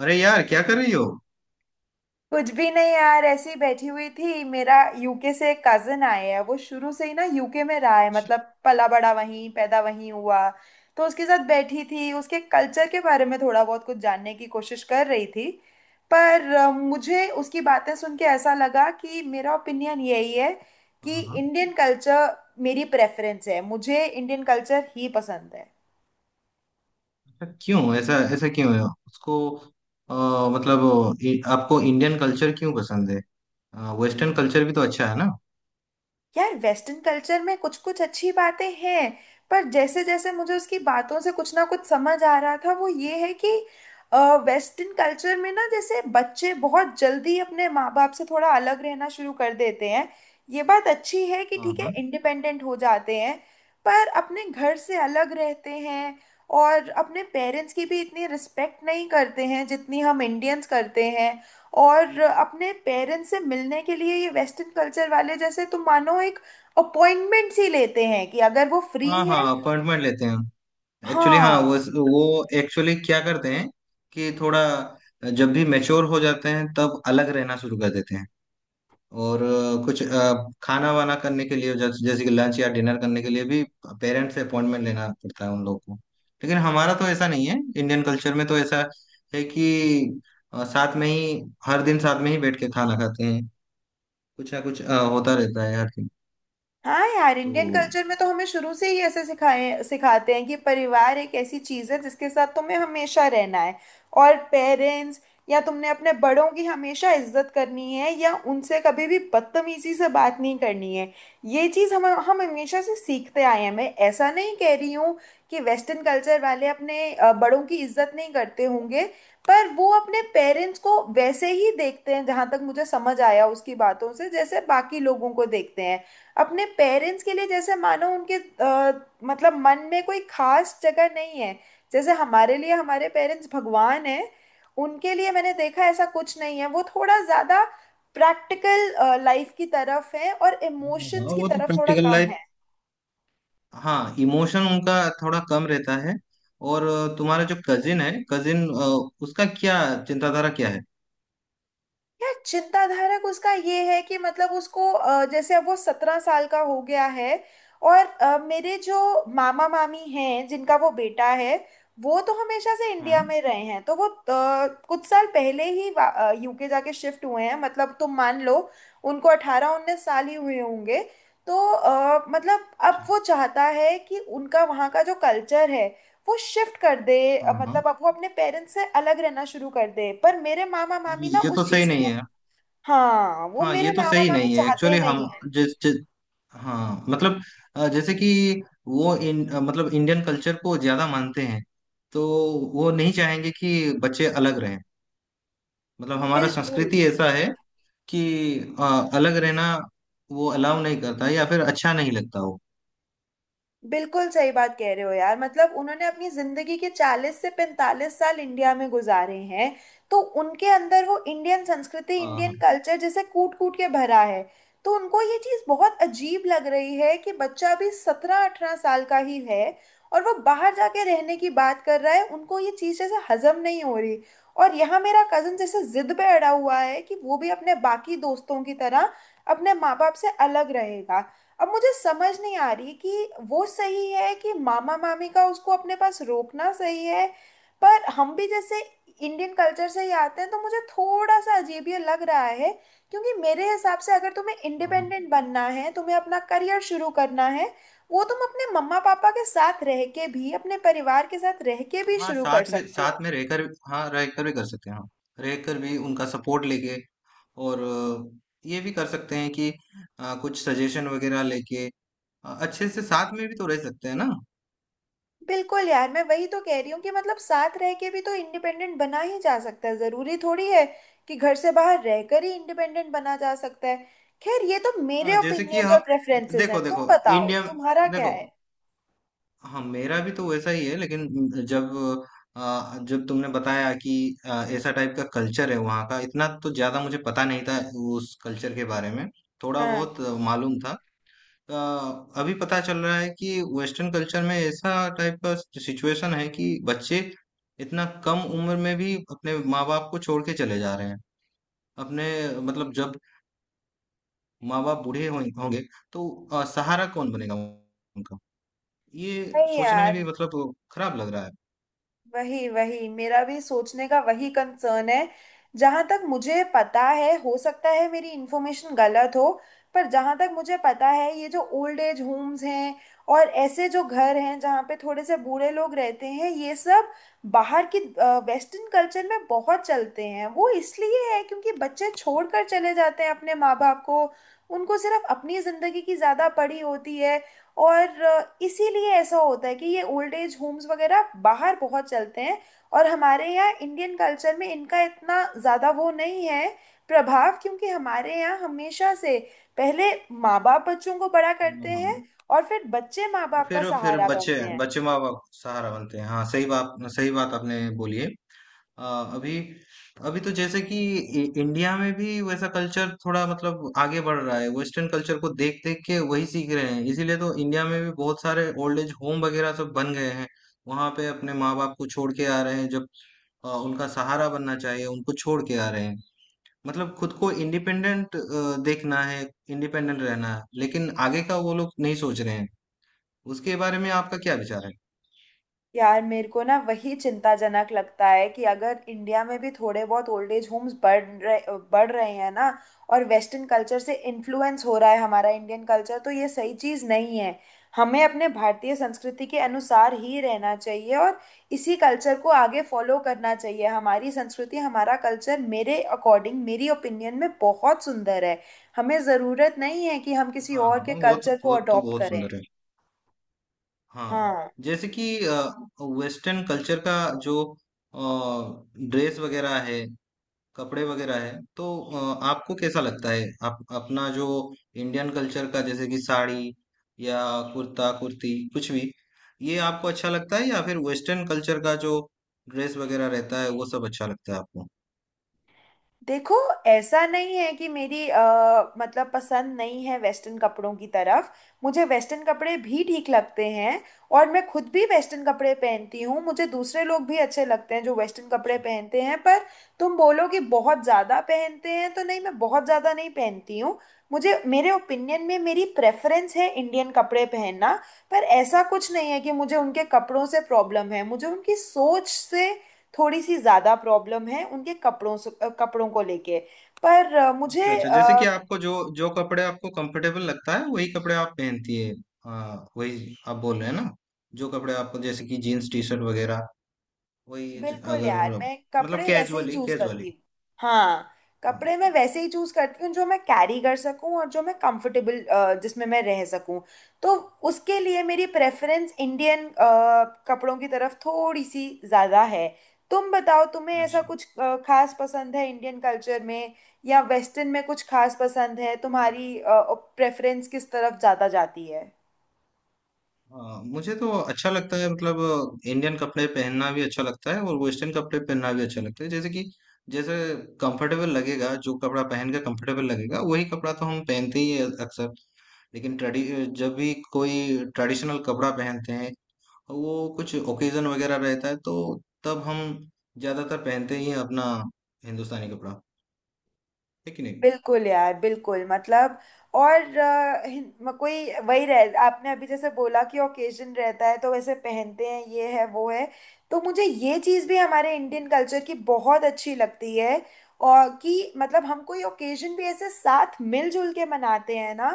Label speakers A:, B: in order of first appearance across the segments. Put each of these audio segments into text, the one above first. A: अरे यार, क्या कर रही हो?
B: कुछ भी नहीं यार। ऐसे ही बैठी हुई थी। मेरा यूके से एक कजन आए है। वो शुरू से ही ना यूके में रहा है, मतलब पला बड़ा वहीं, पैदा वहीं हुआ। तो उसके साथ बैठी थी, उसके कल्चर के बारे में थोड़ा बहुत कुछ जानने की कोशिश कर रही थी। पर मुझे उसकी बातें सुन के ऐसा लगा कि मेरा ओपिनियन यही है कि
A: हाँ हाँ।
B: इंडियन कल्चर मेरी प्रेफरेंस है, मुझे इंडियन कल्चर ही पसंद है।
A: ऐसा क्यों? ऐसा ऐसा क्यों है उसको? अ, मतलब आपको इंडियन कल्चर क्यों पसंद है? वेस्टर्न कल्चर भी तो अच्छा है ना।
B: यार वेस्टर्न कल्चर में कुछ कुछ अच्छी बातें हैं, पर जैसे जैसे मुझे उसकी बातों से कुछ ना कुछ समझ आ रहा था वो ये है कि वेस्टर्न कल्चर में ना जैसे बच्चे बहुत जल्दी अपने माँ बाप से थोड़ा अलग रहना शुरू कर देते हैं। ये बात अच्छी है कि
A: हाँ
B: ठीक है,
A: हाँ।
B: इंडिपेंडेंट हो जाते हैं, पर अपने घर से अलग रहते हैं और अपने पेरेंट्स की भी इतनी रिस्पेक्ट नहीं करते हैं जितनी हम इंडियंस करते हैं। और अपने पेरेंट्स से मिलने के लिए ये वेस्टर्न कल्चर वाले, जैसे तुम मानो, एक अपॉइंटमेंट ही लेते हैं कि अगर वो फ्री
A: हाँ हाँ,
B: है।
A: अपॉइंटमेंट लेते हैं। एक्चुअली हाँ,
B: हाँ।
A: वो एक्चुअली क्या करते हैं कि थोड़ा जब भी मैच्योर हो जाते हैं तब अलग रहना शुरू कर देते हैं। और कुछ खाना वाना करने के लिए, जैसे जैसे कि लंच या डिनर करने के लिए भी पेरेंट्स से अपॉइंटमेंट लेना पड़ता है उन लोग को। लेकिन हमारा तो ऐसा नहीं है, इंडियन कल्चर में तो ऐसा है कि साथ में ही हर दिन साथ में ही बैठ के खाना खाते हैं। कुछ ना कुछ होता रहता है हर दिन।
B: हाँ यार,
A: तो
B: इंडियन कल्चर में तो हमें शुरू से ही ऐसे सिखाए सिखाते हैं कि परिवार एक ऐसी चीज है जिसके साथ तुम्हें हमेशा रहना है। और पेरेंट्स या तुमने अपने बड़ों की हमेशा इज्जत करनी है, या उनसे कभी भी बदतमीजी से बात नहीं करनी है। ये चीज हम हमेशा से सीखते आए हैं। मैं ऐसा नहीं कह रही हूँ कि वेस्टर्न कल्चर वाले अपने बड़ों की इज्जत नहीं करते होंगे, पर वो अपने पेरेंट्स को वैसे ही देखते हैं, जहां तक मुझे समझ आया उसकी बातों से, जैसे बाकी लोगों को देखते हैं। अपने पेरेंट्स के लिए जैसे मानो उनके मतलब मन में कोई खास जगह नहीं है। जैसे हमारे लिए हमारे पेरेंट्स भगवान है, उनके लिए मैंने देखा ऐसा कुछ नहीं है। वो थोड़ा ज्यादा प्रैक्टिकल लाइफ की तरफ है और इमोशंस
A: हाँ,
B: की
A: वो तो
B: तरफ थोड़ा
A: प्रैक्टिकल
B: कम
A: लाइफ।
B: है।
A: हाँ, इमोशन उनका थोड़ा कम रहता है। और तुम्हारा जो कजिन है, कजिन उसका क्या चिंताधारा क्या है?
B: यार चिंताधारक उसका ये है कि मतलब उसको जैसे अब वो 17 साल का हो गया है। और मेरे जो मामा मामी हैं, जिनका वो बेटा है, वो तो हमेशा से
A: हाँ,
B: इंडिया में रहे हैं। तो वो कुछ साल पहले ही यूके जाके शिफ्ट हुए हैं। मतलब तुम मान लो, उनको 18-19 साल ही हुए होंगे। तो मतलब अब
A: अच्छा।
B: वो चाहता है कि उनका वहाँ का जो कल्चर है, वो शिफ्ट कर दे।
A: हाँ हाँ,
B: मतलब अब वो अपने पेरेंट्स से अलग रहना शुरू कर दे, पर मेरे मामा
A: अरे
B: मामी ना
A: ये
B: उस
A: तो सही
B: चीज़ के
A: नहीं
B: लिए।
A: है।
B: हाँ, वो
A: हाँ, ये
B: मेरे
A: तो
B: मामा
A: सही
B: मामी
A: नहीं है
B: चाहते
A: एक्चुअली। हम
B: नहीं है।
A: जिस जिस हाँ मतलब, जैसे कि वो मतलब इंडियन कल्चर को ज्यादा मानते हैं, तो वो नहीं चाहेंगे कि बच्चे अलग रहें। मतलब हमारा
B: बिल्कुल,
A: संस्कृति ऐसा है कि अलग रहना वो अलाउ नहीं करता, या फिर अच्छा नहीं लगता वो।
B: बिल्कुल सही बात कह रहे हो यार। मतलब उन्होंने अपनी जिंदगी के 40 से 45 साल इंडिया में गुजारे हैं। तो उनके अंदर वो इंडियन संस्कृति,
A: हाँ
B: इंडियन
A: हाँ।
B: कल्चर जैसे कूट कूट के भरा है। तो उनको ये चीज़ बहुत अजीब लग रही है कि बच्चा अभी 17-18 साल का ही है और वो बाहर जाके रहने की बात कर रहा है। उनको ये चीज़ जैसे हजम नहीं हो रही। और यहाँ मेरा कजन जैसे जिद पे अड़ा हुआ है कि वो भी अपने बाकी दोस्तों की तरह अपने माँ बाप से अलग रहेगा। अब मुझे समझ नहीं आ रही कि वो सही है कि मामा मामी का उसको अपने पास रोकना सही है। पर हम भी जैसे इंडियन कल्चर से ही आते हैं, तो मुझे थोड़ा सा अजीब ये लग रहा है। क्योंकि मेरे हिसाब से, अगर तुम्हें
A: हाँ हाँ।
B: इंडिपेंडेंट बनना है, तुम्हें अपना करियर शुरू करना है, वो तुम अपने मम्मा पापा के साथ रह के भी, अपने परिवार के साथ रह के भी
A: हाँ,
B: शुरू कर सकते
A: साथ
B: हो।
A: में रहकर। हाँ, रहकर भी कर सकते हैं, हाँ। रहकर भी उनका सपोर्ट लेके। और ये भी कर सकते हैं कि कुछ सजेशन वगैरह लेके। हाँ, अच्छे से साथ में भी तो रह सकते हैं ना।
B: बिल्कुल यार, मैं वही तो कह रही हूँ कि मतलब साथ रह के भी तो इंडिपेंडेंट बना ही जा सकता है। जरूरी थोड़ी है कि घर से बाहर रहकर ही इंडिपेंडेंट बना जा सकता है। खैर ये तो मेरे
A: हाँ जैसे कि
B: ओपिनियंस और
A: हम,
B: प्रेफरेंसेस
A: देखो
B: हैं। तुम
A: देखो
B: बताओ,
A: इंडिया,
B: तुम्हारा क्या
A: देखो,
B: है।
A: हाँ मेरा भी तो वैसा ही है। लेकिन जब, जब तुमने बताया कि ऐसा टाइप का कल्चर है वहाँ का, इतना तो ज्यादा मुझे पता नहीं था। उस कल्चर के बारे में थोड़ा
B: हाँ।
A: बहुत मालूम था। आ, अभी पता चल रहा है कि वेस्टर्न कल्चर में ऐसा टाइप का सिचुएशन है कि बच्चे इतना कम उम्र में भी अपने माँ बाप को छोड़ के चले जा रहे हैं अपने, मतलब जब माँ बाप होंगे तो सहारा कौन बनेगा उनका? ये
B: नहीं
A: सोचने में
B: यार,
A: भी मतलब खराब लग रहा है।
B: वही वही मेरा भी सोचने का वही कंसर्न है। जहां तक मुझे पता है, हो सकता है मेरी इन्फॉर्मेशन गलत हो, पर जहां तक मुझे पता है, ये जो ओल्ड एज होम्स हैं और ऐसे जो घर हैं जहाँ पे थोड़े से बूढ़े लोग रहते हैं, ये सब बाहर की वेस्टर्न कल्चर में बहुत चलते हैं। वो इसलिए है क्योंकि बच्चे छोड़कर चले जाते हैं अपने माँ बाप को। उनको सिर्फ अपनी ज़िंदगी की ज़्यादा पड़ी होती है। और इसीलिए ऐसा होता है कि ये ओल्ड एज होम्स वगैरह बाहर बहुत चलते हैं। और हमारे यहाँ इंडियन कल्चर में इनका इतना ज़्यादा वो नहीं है, प्रभाव, क्योंकि हमारे यहाँ हमेशा से पहले माँ बाप बच्चों को बड़ा करते
A: हाँ।
B: हैं और फिर बच्चे माँ
A: और
B: बाप का
A: फिर
B: सहारा
A: बच्चे
B: बनते हैं।
A: बच्चे माँ बाप सहारा बनते हैं, हाँ। सही बात, सही बात आपने बोली है। अ, अभी अभी तो जैसे कि इंडिया में भी वैसा कल्चर थोड़ा मतलब आगे बढ़ रहा है, वेस्टर्न कल्चर को देख देख के वही सीख रहे हैं, इसीलिए तो इंडिया में भी बहुत सारे ओल्ड एज होम वगैरह सब बन गए हैं। वहां पे अपने माँ बाप को छोड़ के आ रहे हैं, जब उनका सहारा बनना चाहिए, उनको छोड़ के आ रहे हैं। मतलब खुद को इंडिपेंडेंट देखना है, इंडिपेंडेंट रहना है, लेकिन आगे का वो लोग नहीं सोच रहे हैं। उसके बारे में आपका क्या विचार है?
B: यार मेरे को ना वही चिंताजनक लगता है कि अगर इंडिया में भी थोड़े बहुत ओल्ड एज होम्स बढ़ रहे हैं ना, और वेस्टर्न कल्चर से इन्फ्लुएंस हो रहा है हमारा इंडियन कल्चर, तो ये सही चीज़ नहीं है। हमें अपने भारतीय संस्कृति के अनुसार ही रहना चाहिए और इसी कल्चर को आगे फॉलो करना चाहिए। हमारी संस्कृति, हमारा कल्चर मेरे अकॉर्डिंग, मेरी ओपिनियन में बहुत सुंदर है। हमें ज़रूरत नहीं है कि हम किसी
A: हाँ
B: और
A: हाँ
B: के
A: हाँ,
B: कल्चर को
A: वो तो
B: अडॉप्ट
A: बहुत
B: करें।
A: सुंदर है। हाँ,
B: हाँ।
A: जैसे कि वेस्टर्न कल्चर का जो ड्रेस वगैरह है, कपड़े वगैरह है, तो आपको कैसा लगता है? आप अपना जो इंडियन कल्चर का, जैसे कि साड़ी या कुर्ता कुर्ती कुछ भी, ये आपको अच्छा लगता है, या फिर वेस्टर्न कल्चर का जो ड्रेस वगैरह रहता है वो सब अच्छा लगता है आपको?
B: देखो, ऐसा नहीं है कि मेरी मतलब पसंद नहीं है वेस्टर्न कपड़ों की तरफ। मुझे वेस्टर्न कपड़े भी ठीक लगते हैं और मैं खुद भी वेस्टर्न कपड़े पहनती हूँ। मुझे दूसरे लोग भी अच्छे लगते हैं जो वेस्टर्न कपड़े
A: अच्छा
B: पहनते हैं, पर तुम बोलो कि बहुत ज़्यादा पहनते हैं तो नहीं, मैं बहुत ज़्यादा नहीं पहनती हूँ। मुझे, मेरे ओपिनियन में, मेरी प्रेफरेंस है इंडियन कपड़े पहनना। पर ऐसा कुछ नहीं है कि मुझे उनके कपड़ों से प्रॉब्लम है। मुझे उनकी सोच से थोड़ी सी ज़्यादा प्रॉब्लम है, उनके कपड़ों से कपड़ों को लेके। पर अ, मुझे
A: अच्छा अच्छा, जैसे
B: अ,
A: कि आपको जो जो कपड़े आपको कंफर्टेबल लगता है वही कपड़े आप पहनती है। हाँ, वही आप बोल रहे हैं ना? जो कपड़े आपको जैसे कि जीन्स टी शर्ट वगैरह वही
B: बिल्कुल
A: अगर,
B: यार, मैं
A: मतलब
B: कपड़े वैसे ही
A: कैजुअली
B: चूज
A: कैजुअली
B: करती हूँ। हाँ।
A: हाँ,
B: कपड़े मैं वैसे ही चूज करती हूँ जो मैं कैरी कर सकूँ और जो मैं कंफर्टेबल, जिसमें मैं रह सकूँ। तो उसके लिए मेरी प्रेफरेंस इंडियन कपड़ों की तरफ थोड़ी सी ज़्यादा है। तुम बताओ, तुम्हें ऐसा
A: अच्छा।
B: कुछ खास पसंद है इंडियन कल्चर में, या वेस्टर्न में कुछ खास पसंद है, तुम्हारी प्रेफरेंस किस तरफ ज़्यादा जाती है।
A: हाँ, मुझे तो अच्छा लगता है, मतलब इंडियन कपड़े पहनना भी अच्छा लगता है और वेस्टर्न कपड़े पहनना भी अच्छा लगता है। जैसे कि जैसे कंफर्टेबल लगेगा, जो कपड़ा पहन के कंफर्टेबल लगेगा वही कपड़ा तो हम पहनते ही है अक्सर। लेकिन ट्रेडि जब भी कोई ट्रेडिशनल कपड़ा पहनते हैं, वो कुछ ओकेजन वगैरह रहता है, तो तब हम ज्यादातर पहनते ही हैं अपना हिंदुस्तानी कपड़ा, है कि नहीं?
B: बिल्कुल यार, बिल्कुल मतलब। और कोई वही रह, आपने अभी जैसे बोला कि ओकेजन रहता है, तो वैसे पहनते हैं, ये है वो है। तो मुझे ये चीज़ भी हमारे इंडियन कल्चर की बहुत अच्छी लगती है। और कि मतलब हम कोई ओकेजन भी ऐसे साथ मिलजुल के मनाते हैं ना,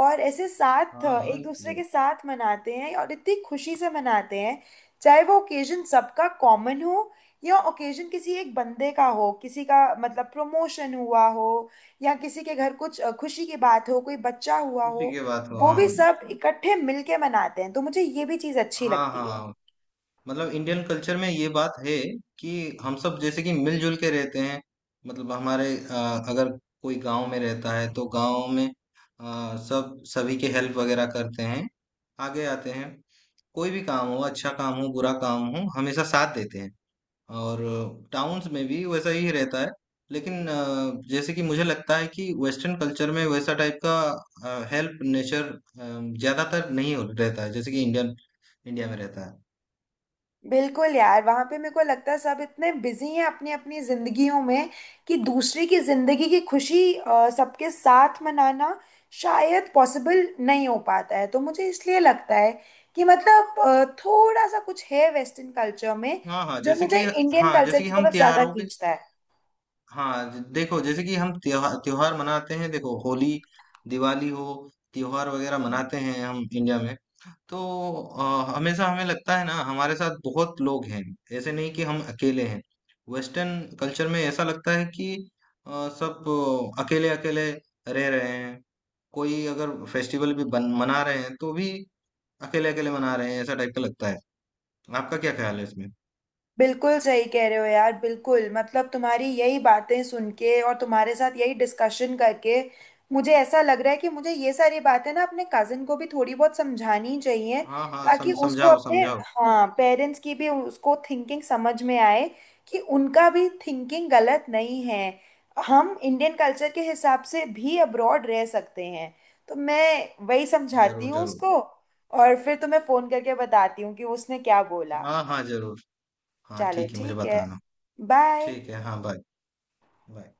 B: और ऐसे साथ
A: हाँ हाँ
B: एक दूसरे के
A: जरूर।
B: साथ मनाते हैं और इतनी खुशी से मनाते हैं। चाहे वो ओकेजन सबका कॉमन हो, या ओकेजन किसी एक बंदे का हो, किसी का मतलब प्रमोशन हुआ हो, या किसी के घर कुछ खुशी की बात हो, कोई बच्चा हुआ
A: उसी
B: हो,
A: की बात हो,
B: वो
A: हाँ।
B: भी सब इकट्ठे मिलके मनाते हैं, तो मुझे ये भी चीज अच्छी
A: हाँ
B: लगती है।
A: हाँ, मतलब इंडियन कल्चर में ये बात है कि हम सब जैसे कि मिलजुल के रहते हैं। मतलब हमारे अगर कोई गांव में रहता है तो गांव में सब सभी के हेल्प वगैरह करते हैं, आगे आते हैं। कोई भी काम हो, अच्छा काम हो, बुरा काम हो, हमेशा साथ देते हैं। और टाउन्स में भी वैसा ही रहता है। लेकिन जैसे कि मुझे लगता है कि वेस्टर्न कल्चर में वैसा टाइप का हेल्प नेचर ज्यादातर नहीं हो रहता है, जैसे कि इंडियन इंडिया में रहता है।
B: बिल्कुल यार, वहां पे मेरे को लगता है सब इतने बिजी हैं अपनी अपनी जिंदगियों में कि दूसरे की जिंदगी की खुशी सबके साथ मनाना शायद पॉसिबल नहीं हो पाता है। तो मुझे इसलिए लगता है कि मतलब थोड़ा सा कुछ है वेस्टर्न कल्चर में
A: हाँ हाँ,
B: जो
A: जैसे
B: मुझे
A: कि,
B: इंडियन
A: हाँ
B: कल्चर
A: जैसे कि
B: की
A: हम
B: तरफ ज्यादा
A: त्योहारों के,
B: खींचता है।
A: हाँ देखो जैसे कि हम त्योहार त्योहार मनाते हैं। देखो होली, दिवाली हो, त्योहार वगैरह मनाते हैं हम इंडिया में। तो हमेशा हमें लगता है ना हमारे साथ बहुत लोग हैं, ऐसे नहीं कि हम अकेले हैं। वेस्टर्न कल्चर में ऐसा लगता है कि अ, सब अकेले अकेले रह रहे हैं। कोई अगर फेस्टिवल भी मना रहे हैं तो भी अकेले अकेले मना रहे हैं, ऐसा टाइप का लगता है। आपका क्या ख्याल है इसमें?
B: बिल्कुल सही कह रहे हो यार, बिल्कुल मतलब तुम्हारी यही बातें सुन के और तुम्हारे साथ यही डिस्कशन करके मुझे ऐसा लग रहा है कि मुझे ये सारी बातें ना अपने कजिन को भी थोड़ी बहुत समझानी चाहिए,
A: हाँ हाँ
B: ताकि उसको
A: समझाओ
B: अपने,
A: समझाओ।
B: हाँ, पेरेंट्स की भी उसको थिंकिंग समझ में आए कि उनका भी थिंकिंग गलत नहीं है। हम इंडियन कल्चर के हिसाब से भी अब्रॉड रह सकते हैं, तो मैं वही समझाती
A: जरूर
B: हूँ
A: जरूर।
B: उसको। और फिर तुम्हें फोन करके बताती हूँ कि उसने क्या बोला।
A: हाँ हाँ जरूर हाँ
B: चलो
A: ठीक है, मुझे
B: ठीक है।
A: बताना।
B: Bye।
A: ठीक है, हाँ बाय। बाय।